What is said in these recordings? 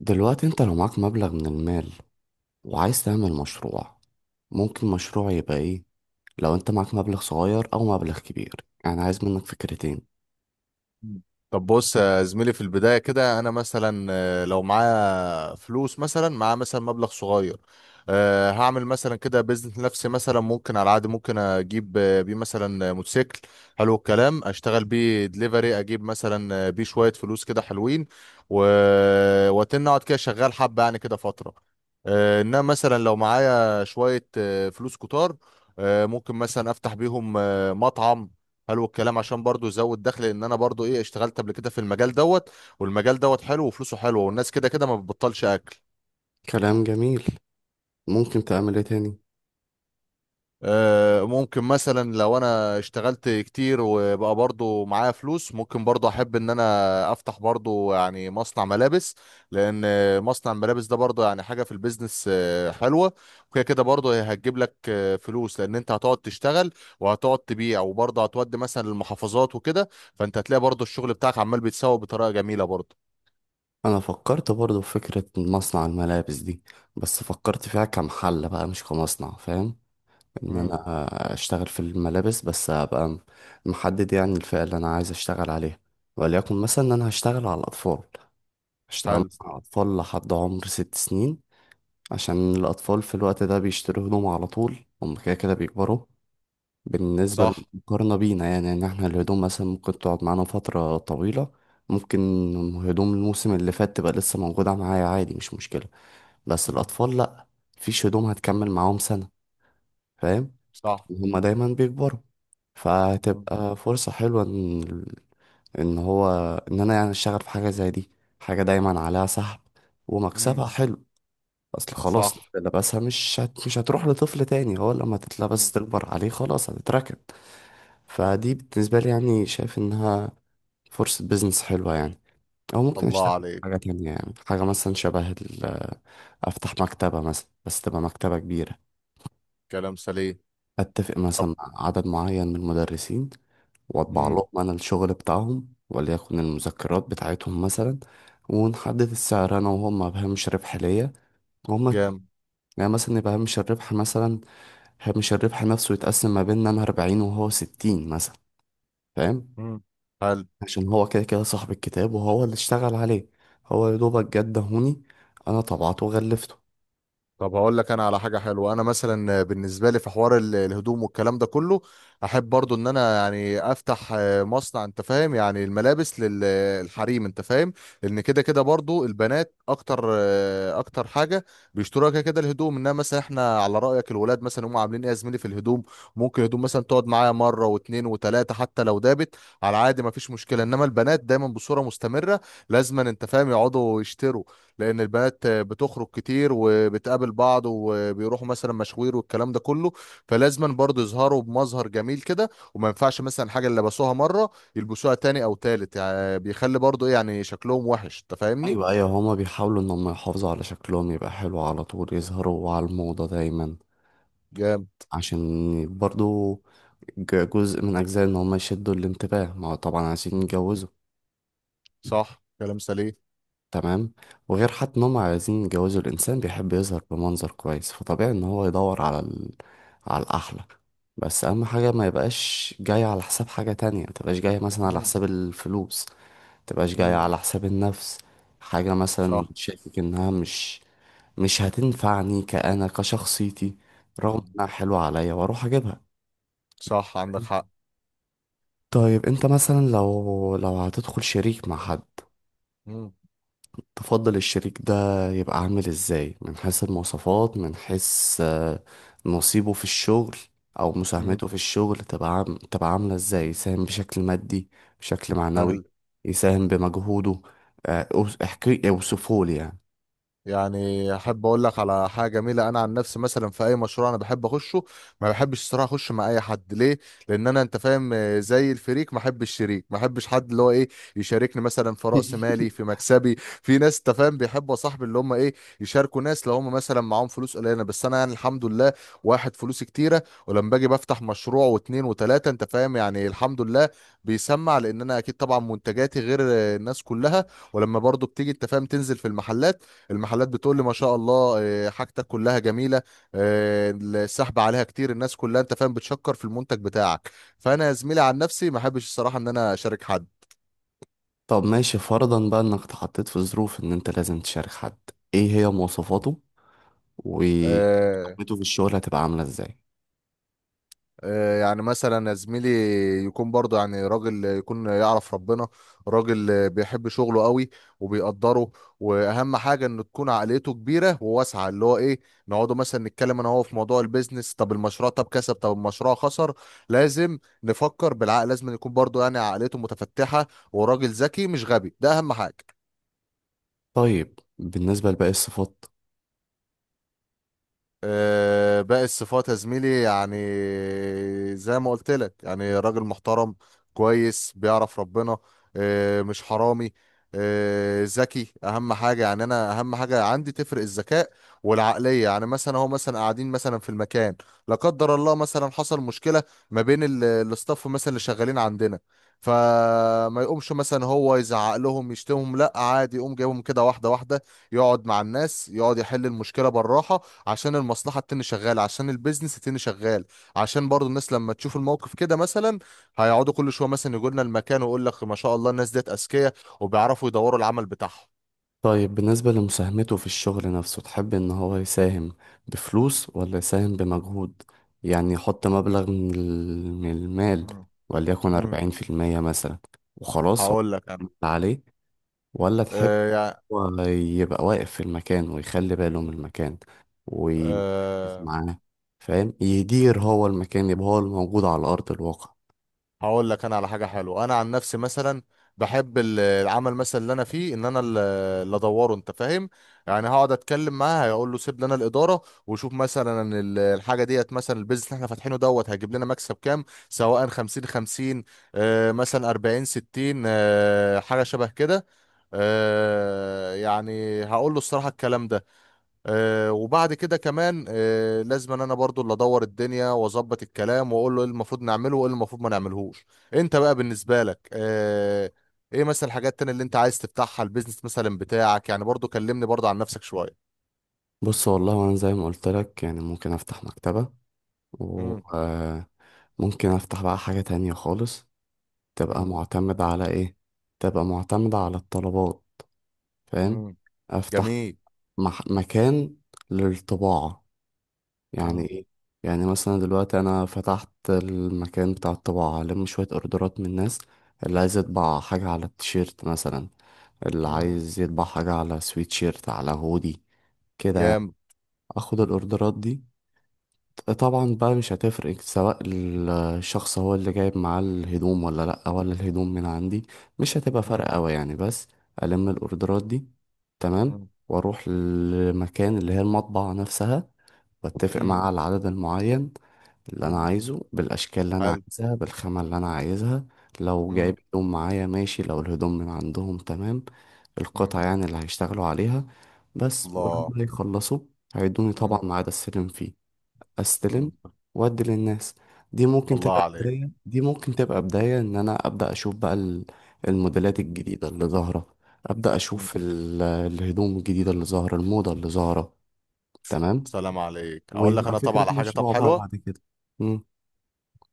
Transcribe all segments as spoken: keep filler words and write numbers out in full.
دلوقتي انت لو معاك مبلغ من المال وعايز تعمل مشروع، ممكن مشروع يبقى ايه؟ لو انت معاك مبلغ صغير او مبلغ كبير. يعني عايز منك فكرتين. طب بص يا زميلي، في البداية كده أنا مثلا آه، لو معايا فلوس مثلا معايا مثلا مبلغ صغير. آه، هعمل مثلا كده بيزنس لنفسي، مثلا ممكن على العادي ممكن أجيب آه، بيه مثلا آه، موتوسيكل. حلو الكلام، أشتغل بيه دليفري، أجيب مثلا آه، بيه شوية فلوس كده حلوين و... وأتن أقعد كده شغال حبة يعني كده فترة. آه، إنما مثلا لو معايا شوية آه، فلوس كتار، آه، ممكن مثلا أفتح بيهم آه، مطعم. حلو الكلام، عشان برضو يزود دخل، لان انا برضو ايه اشتغلت قبل كده في المجال دوت. والمجال دوت حلو وفلوسه حلوه، والناس كده كده ما بتبطلش اكل. كلام جميل. ممكن تعمل ايه تاني؟ آه ممكن مثلا لو انا اشتغلت كتير وبقى برضو معايا فلوس، ممكن برضو احب ان انا افتح برضو يعني مصنع ملابس. لان مصنع الملابس ده برضو يعني حاجه في البيزنس آه، حلوه. وكده كده برضو هي هتجيب لك آه، فلوس، لان انت هتقعد تشتغل وهتقعد تبيع، وبرضو هتودي مثلا للمحافظات وكده. فانت هتلاقي برضو الشغل بتاعك عمال بيتسوق بطريقه جميله برضو. انا فكرت برضو في فكرة مصنع الملابس دي، بس فكرت فيها كمحل بقى مش كمصنع. فاهم؟ ان امم. انا اشتغل في الملابس بس ابقى محدد، يعني الفئة اللي انا عايز اشتغل عليها. وليكن مثلا ان انا هشتغل على الاطفال، هشتغل حلو. مثلا على اطفال لحد عمر ست سنين. عشان الأطفال في الوقت ده بيشتروا هدوم على طول، هم كده كده بيكبروا. بالنسبة صح. للمقارنة بينا، يعني إن إحنا الهدوم مثلا ممكن تقعد معانا فترة طويلة. ممكن هدوم الموسم اللي فات تبقى لسه موجودة معايا عادي، مش مشكلة. بس مم. الأطفال لأ. مفيش هدوم هتكمل معاهم سنة. فاهم؟ صح. هما دايما بيكبروا، مم. فهتبقى فرصة حلوة إن إن هو إن أنا يعني أشتغل في حاجة زي دي. حاجة دايما عليها سحب ومكسبها مم. حلو. اصل خلاص صح. لبسها مش هت... مش هتروح لطفل تاني، هو لما تطلع بس مم. تكبر عليه خلاص هتتركن. فدي بالنسبة لي يعني شايف انها فرصة بيزنس حلوة يعني. او ممكن اشتغل الله في حاجة عليك. تانية، يعني حاجة مثلا شبه ال- افتح مكتبة مثلا، بس تبقى مكتبة كبيرة. كلام سليم. اتفق طب. مثلا مع عدد معين من المدرسين، واطبع امم. لهم انا الشغل بتاعهم وليكن المذكرات بتاعتهم مثلا. ونحدد السعر انا وهم، مبهمش ربح ليا. جام. يعني مثلا يبقى هامش الربح مثلا هامش الربح نفسه يتقسم ما بيننا، أنا أربعين وهو ستين مثلا. فاهم؟ امم. حلو. عشان هو كده كده صاحب الكتاب وهو اللي اشتغل عليه. هو يا دوبك جه اداهوني، أنا طبعته وغلفته. طب هقول لك انا على حاجه حلوه. انا مثلا بالنسبه لي في حوار ال- الهدوم والكلام ده كله، احب برضو ان انا يعني افتح آه، مصنع، انت فاهم يعني، الملابس للحريم، انت فاهم. لان كده كده برضو البنات اكتر آه، اكتر حاجه بيشتروها كده كده الهدوم. انما مثلا احنا على رايك، الولاد مثلا هم عاملين ايه يا زميلي في الهدوم؟ ممكن الهدوم مثلا تقعد معايا مره واتنين وتلاته حتى لو دابت، على عادي مفيش مشكله. انما البنات دايما بصوره مستمره لازما انت فاهم يقعدوا يشتروا، لان البنات بتخرج كتير وبتقابل بعض وبيروحوا مثلا مشاوير والكلام ده كله. فلازما برضه يظهروا بمظهر جميل كده، وما ينفعش مثلا حاجه اللي لبسوها مره يلبسوها تاني او تالت، يعني بيخلي برضه ايه يعني شكلهم وحش، انت فاهمني. أيوة، أيوة، هما بيحاولوا إن هما يحافظوا على شكلهم يبقى حلو على طول، يظهروا على الموضة دايما. جامد. عشان برضو ج- جزء من أجزاء إن هما يشدوا الانتباه، ما هو طبعا عايزين يتجوزوا. صح كلام سليم. تمام. وغير حتى ان هم عايزين يجوزوا، الانسان بيحب يظهر بمنظر كويس، فطبيعي ان هو يدور على ال... على الاحلى. بس اهم حاجه ما يبقاش جاي على حساب حاجه تانية، ما تبقاش جاي مثلا على مم. حساب الفلوس. ما تبقاش جاي مم. على حساب النفس. حاجه مثلا صح. شاكك انها مش مش هتنفعني كأنا كشخصيتي، رغم مم. انها حلوه عليا واروح اجيبها. صح عندك حق. طيب، انت مثلا لو لو هتدخل شريك مع حد، مم. تفضل الشريك ده يبقى عامل ازاي؟ من حيث المواصفات، من حيث آه، نصيبه في الشغل، او مم. مساهمته في الشغل تبقى عام... تبقى عاملة ازاي؟ يساهم بشكل مادي، بشكل حلو. معنوي، يساهم بمجهوده. آه، أوص- احكي اوصفه لي يعني. يعني احب اقول لك على حاجه جميله. انا عن نفسي مثلا في اي مشروع انا بحب اخشه. ما بحبش الصراحه اخش مع اي حد. ليه؟ لان انا انت فاهم آه، زي الفريق، ما احبش شريك، ما احبش حد اللي هو ايه يشاركني مثلا في راس مالي في مكسبي. في ناس انت فاهم بيحبوا يا صاحبي اللي هم ايه يشاركوا ناس، لو هم مثلا معاهم فلوس قليله. بس انا يعني الحمد لله واحد فلوسي كتيره، ولما باجي بفتح مشروع واتنين وتلاته انت فاهم يعني الحمد لله بيسمع، لان انا اكيد طبعا منتجاتي غير آه، الناس كلها. ولما برضو بتيجي انت فاهم تنزل في المحلات، المحلات بتقول لي ما شاء الله آه، حاجتك كلها جميله، آه، السحب عليها كتير، الناس كلها انت فاهم بتشكر في المنتج بتاعك. فانا يا زميلي عن نفسي ما احبش الصراحه ان انا اشارك حد. طب ماشي، فرضا بقى انك اتحطيت في ظروف ان انت لازم تشارك حد، ايه هي مواصفاته؟ آه، ومساهمته في الشغل هتبقى عاملة ازاي؟ آه، يعني مثلا يا زميلي، يكون برضه يعني راجل، يكون يعرف ربنا، راجل بيحب شغله قوي وبيقدره. واهم حاجه انه تكون عقليته كبيره وواسعه، اللي هو ايه نقعدوا مثلا نتكلم انا هو في موضوع البيزنس. طب المشروع، طب كسب، طب المشروع خسر، لازم نفكر بالعقل. لازم يكون برضه يعني عقليته متفتحه، وراجل ذكي مش غبي، ده اهم حاجه. طيب، بالنسبة لباقي الصفات؟ آه، باقي الصفات يا زميلي يعني زي ما قلت لك، يعني راجل محترم كويس بيعرف ربنا، آه، مش حرامي، آه، ذكي اهم حاجه. يعني انا اهم حاجه عندي تفرق الذكاء والعقليه. يعني مثلا هو مثلا قاعدين مثلا في المكان، لا قدر الله مثلا حصل مشكله ما بين ال- الاستاف مثلا اللي شغالين عندنا، فما يقومش مثلا هو يزعق لهم يشتمهم، لا عادي يقوم جايبهم كده واحده واحده، يقعد مع الناس يقعد يحل المشكله بالراحه، عشان المصلحة التاني شغال، عشان البيزنس التاني شغال، عشان برضو الناس لما تشوف الموقف كده مثلا هيقعدوا كل شوية مثلا يقولنا المكان، ويقول لك ما شاء الله الناس ديت أذكياء وبيعرفوا يدوروا العمل بتاعهم. طيب، بالنسبة لمساهمته في الشغل نفسه، تحب إن هو يساهم بفلوس ولا يساهم بمجهود؟ يعني يحط مبلغ من ال- من المال، مم. وليكن امم. أربعين في المية مثلا، وخلاص هو هقول لك انا. عمل عليه. ولا تحب آه يعني. هو يبقى واقف في المكان ويخلي باله من المكان ويركز مم. معاه؟ فاهم؟ يدير هو المكان، يبقى هو الموجود على أرض الواقع. هقول لك انا على حاجه حلوه. انا عن نفسي مثلا بحب ال- العمل مثلا اللي انا فيه، ان انا ال- اللي ادوره انت فاهم. يعني هقعد اتكلم معاه هيقول له سيب لنا الاداره، وشوف مثلا ال- الحاجه ديت، مثلا البيزنس اللي احنا فاتحينه دوت هيجيب لنا مكسب كام، سواء خمسين خمسين آه، مثلا أربعين ستين، آه، حاجه شبه كده. آه، يعني هقول له الصراحه الكلام ده. آه، وبعد كده كمان آه، لازم ان انا برضو اللي ادور الدنيا واظبط الكلام واقول له ايه المفروض نعمله وايه اللي المفروض ما نعملهوش. انت بقى بالنسبه لك آه، ايه مثلا الحاجات التانية اللي انت عايز تفتحها، البيزنس مثلا بتاعك يعني، برضو كلمني برضو عن نفسك شويه. بص، والله أنا زي ما قلت لك يعني ممكن أفتح مكتبة و مم. آه، ممكن افتح بقى حاجة تانية خالص. تبقى مم. معتمدة على إيه؟ تبقى معتمدة على الطلبات. فاهم؟ مم. أفتح جميل. مح مكان للطباعة. يعني مم. إيه؟ يعني مثلا دلوقتي أنا فتحت المكان بتاع الطباعة، ألم شوية أوردرات من الناس اللي عايز يطبع حاجة على التيشيرت مثلا، اللي مم. عايز يطبع حاجة على سويتشيرت، على هودي، كده يعني. جامد. أخد الأوردرات دي، طبعا بقى مش هتفرق سواء الشخص هو اللي جايب معاه الهدوم ولا لأ، ولا الهدوم من عندي، مش هتبقى مم. فرق أوي يعني بس. ألم الأوردرات دي، تمام، مم. وأروح للمكان اللي هي المطبعة نفسها، وأتفق مم. معاه على العدد المعين اللي مم. أنا عايزه، بالأشكال اللي أنا حلو. عايزها، بالخامة اللي أنا عايزها. لو مم. جايب هدوم معايا ماشي، لو الهدوم من عندهم تمام. مم. القطع يعني اللي هيشتغلوا عليها بس. الله. ولما يخلصوا، هيدوني طبعا مم. ميعاد أستلم فيه، استلم مم. وادي للناس. دي ممكن تبقى الله عليك. بداية، دي ممكن تبقى بداية ان انا ابدا اشوف بقى ال- الموديلات مم. الجديدة اللي ظاهرة. ابدا مم. اشوف ال- الهدوم الجديدة اللي ظاهرة، الموضة اللي ظاهرة. تمام. سلام عليك. اقول لك ويبقى انا طبعا فكرة على حاجه طب مشروع بقى حلوه. بعد كده. مم.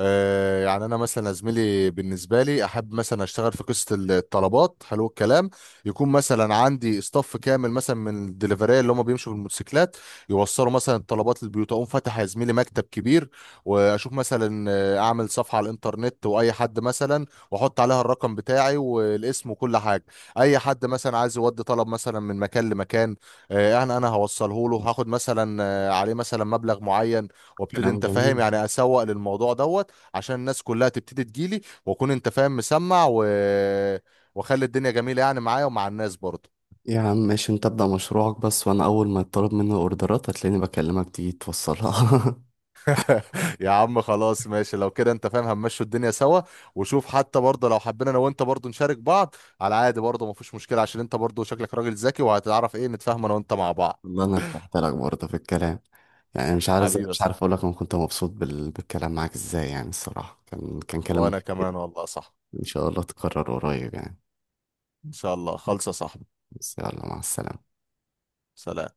آه، يعني انا مثلا يا زميلي بالنسبه لي احب مثلا اشتغل في قصه الطلبات. حلو الكلام، يكون مثلا عندي استاف كامل مثلا من الدليفريه اللي هم بيمشوا بالموتوسيكلات، يوصلوا مثلا الطلبات للبيوت. اقوم فاتح يا زميلي مكتب كبير، واشوف مثلا آه، اعمل صفحه على الانترنت، واي حد مثلا، واحط عليها الرقم بتاعي والاسم وكل حاجه. اي حد مثلا عايز يودي طلب مثلا من مكان لمكان، آه، انا انا هوصله له، هاخد مثلا آه، عليه مثلا مبلغ معين، وابتدي كلام انت فاهم جميل. يعني اسوق للموضوع دوت، عشان الناس كلها تبتدي تجيلي، واكون انت فاهم مسمع و... واخلي الدنيا جميله يعني، معايا ومع الناس برضه. يا عم ماشي، انت ابدا مشروعك بس، وانا اول ما يطلب مني اوردرات هتلاقيني بكلمك تيجي توصلها. يا عم خلاص ماشي، لو كده انت فاهم هنمشوا الدنيا سوا. وشوف حتى برضه لو حبينا انا وانت برضه نشارك بعض، على عادي برضه مفيش مشكله، عشان انت برضه شكلك راجل ذكي وهتعرف ايه نتفاهم انا وانت مع بعض. والله انا ارتحت لك برضه في الكلام، يعني مش عارف حبيبي مش صح. عارف اقول لك انا كنت مبسوط بال... بالكلام معاك ازاي، يعني الصراحة كان كان كلام. وانا كمان والله صح. إن شاء الله تكرر قريب يعني. ان شاء الله خالصه صح. بس يلا، مع السلامة. سلام.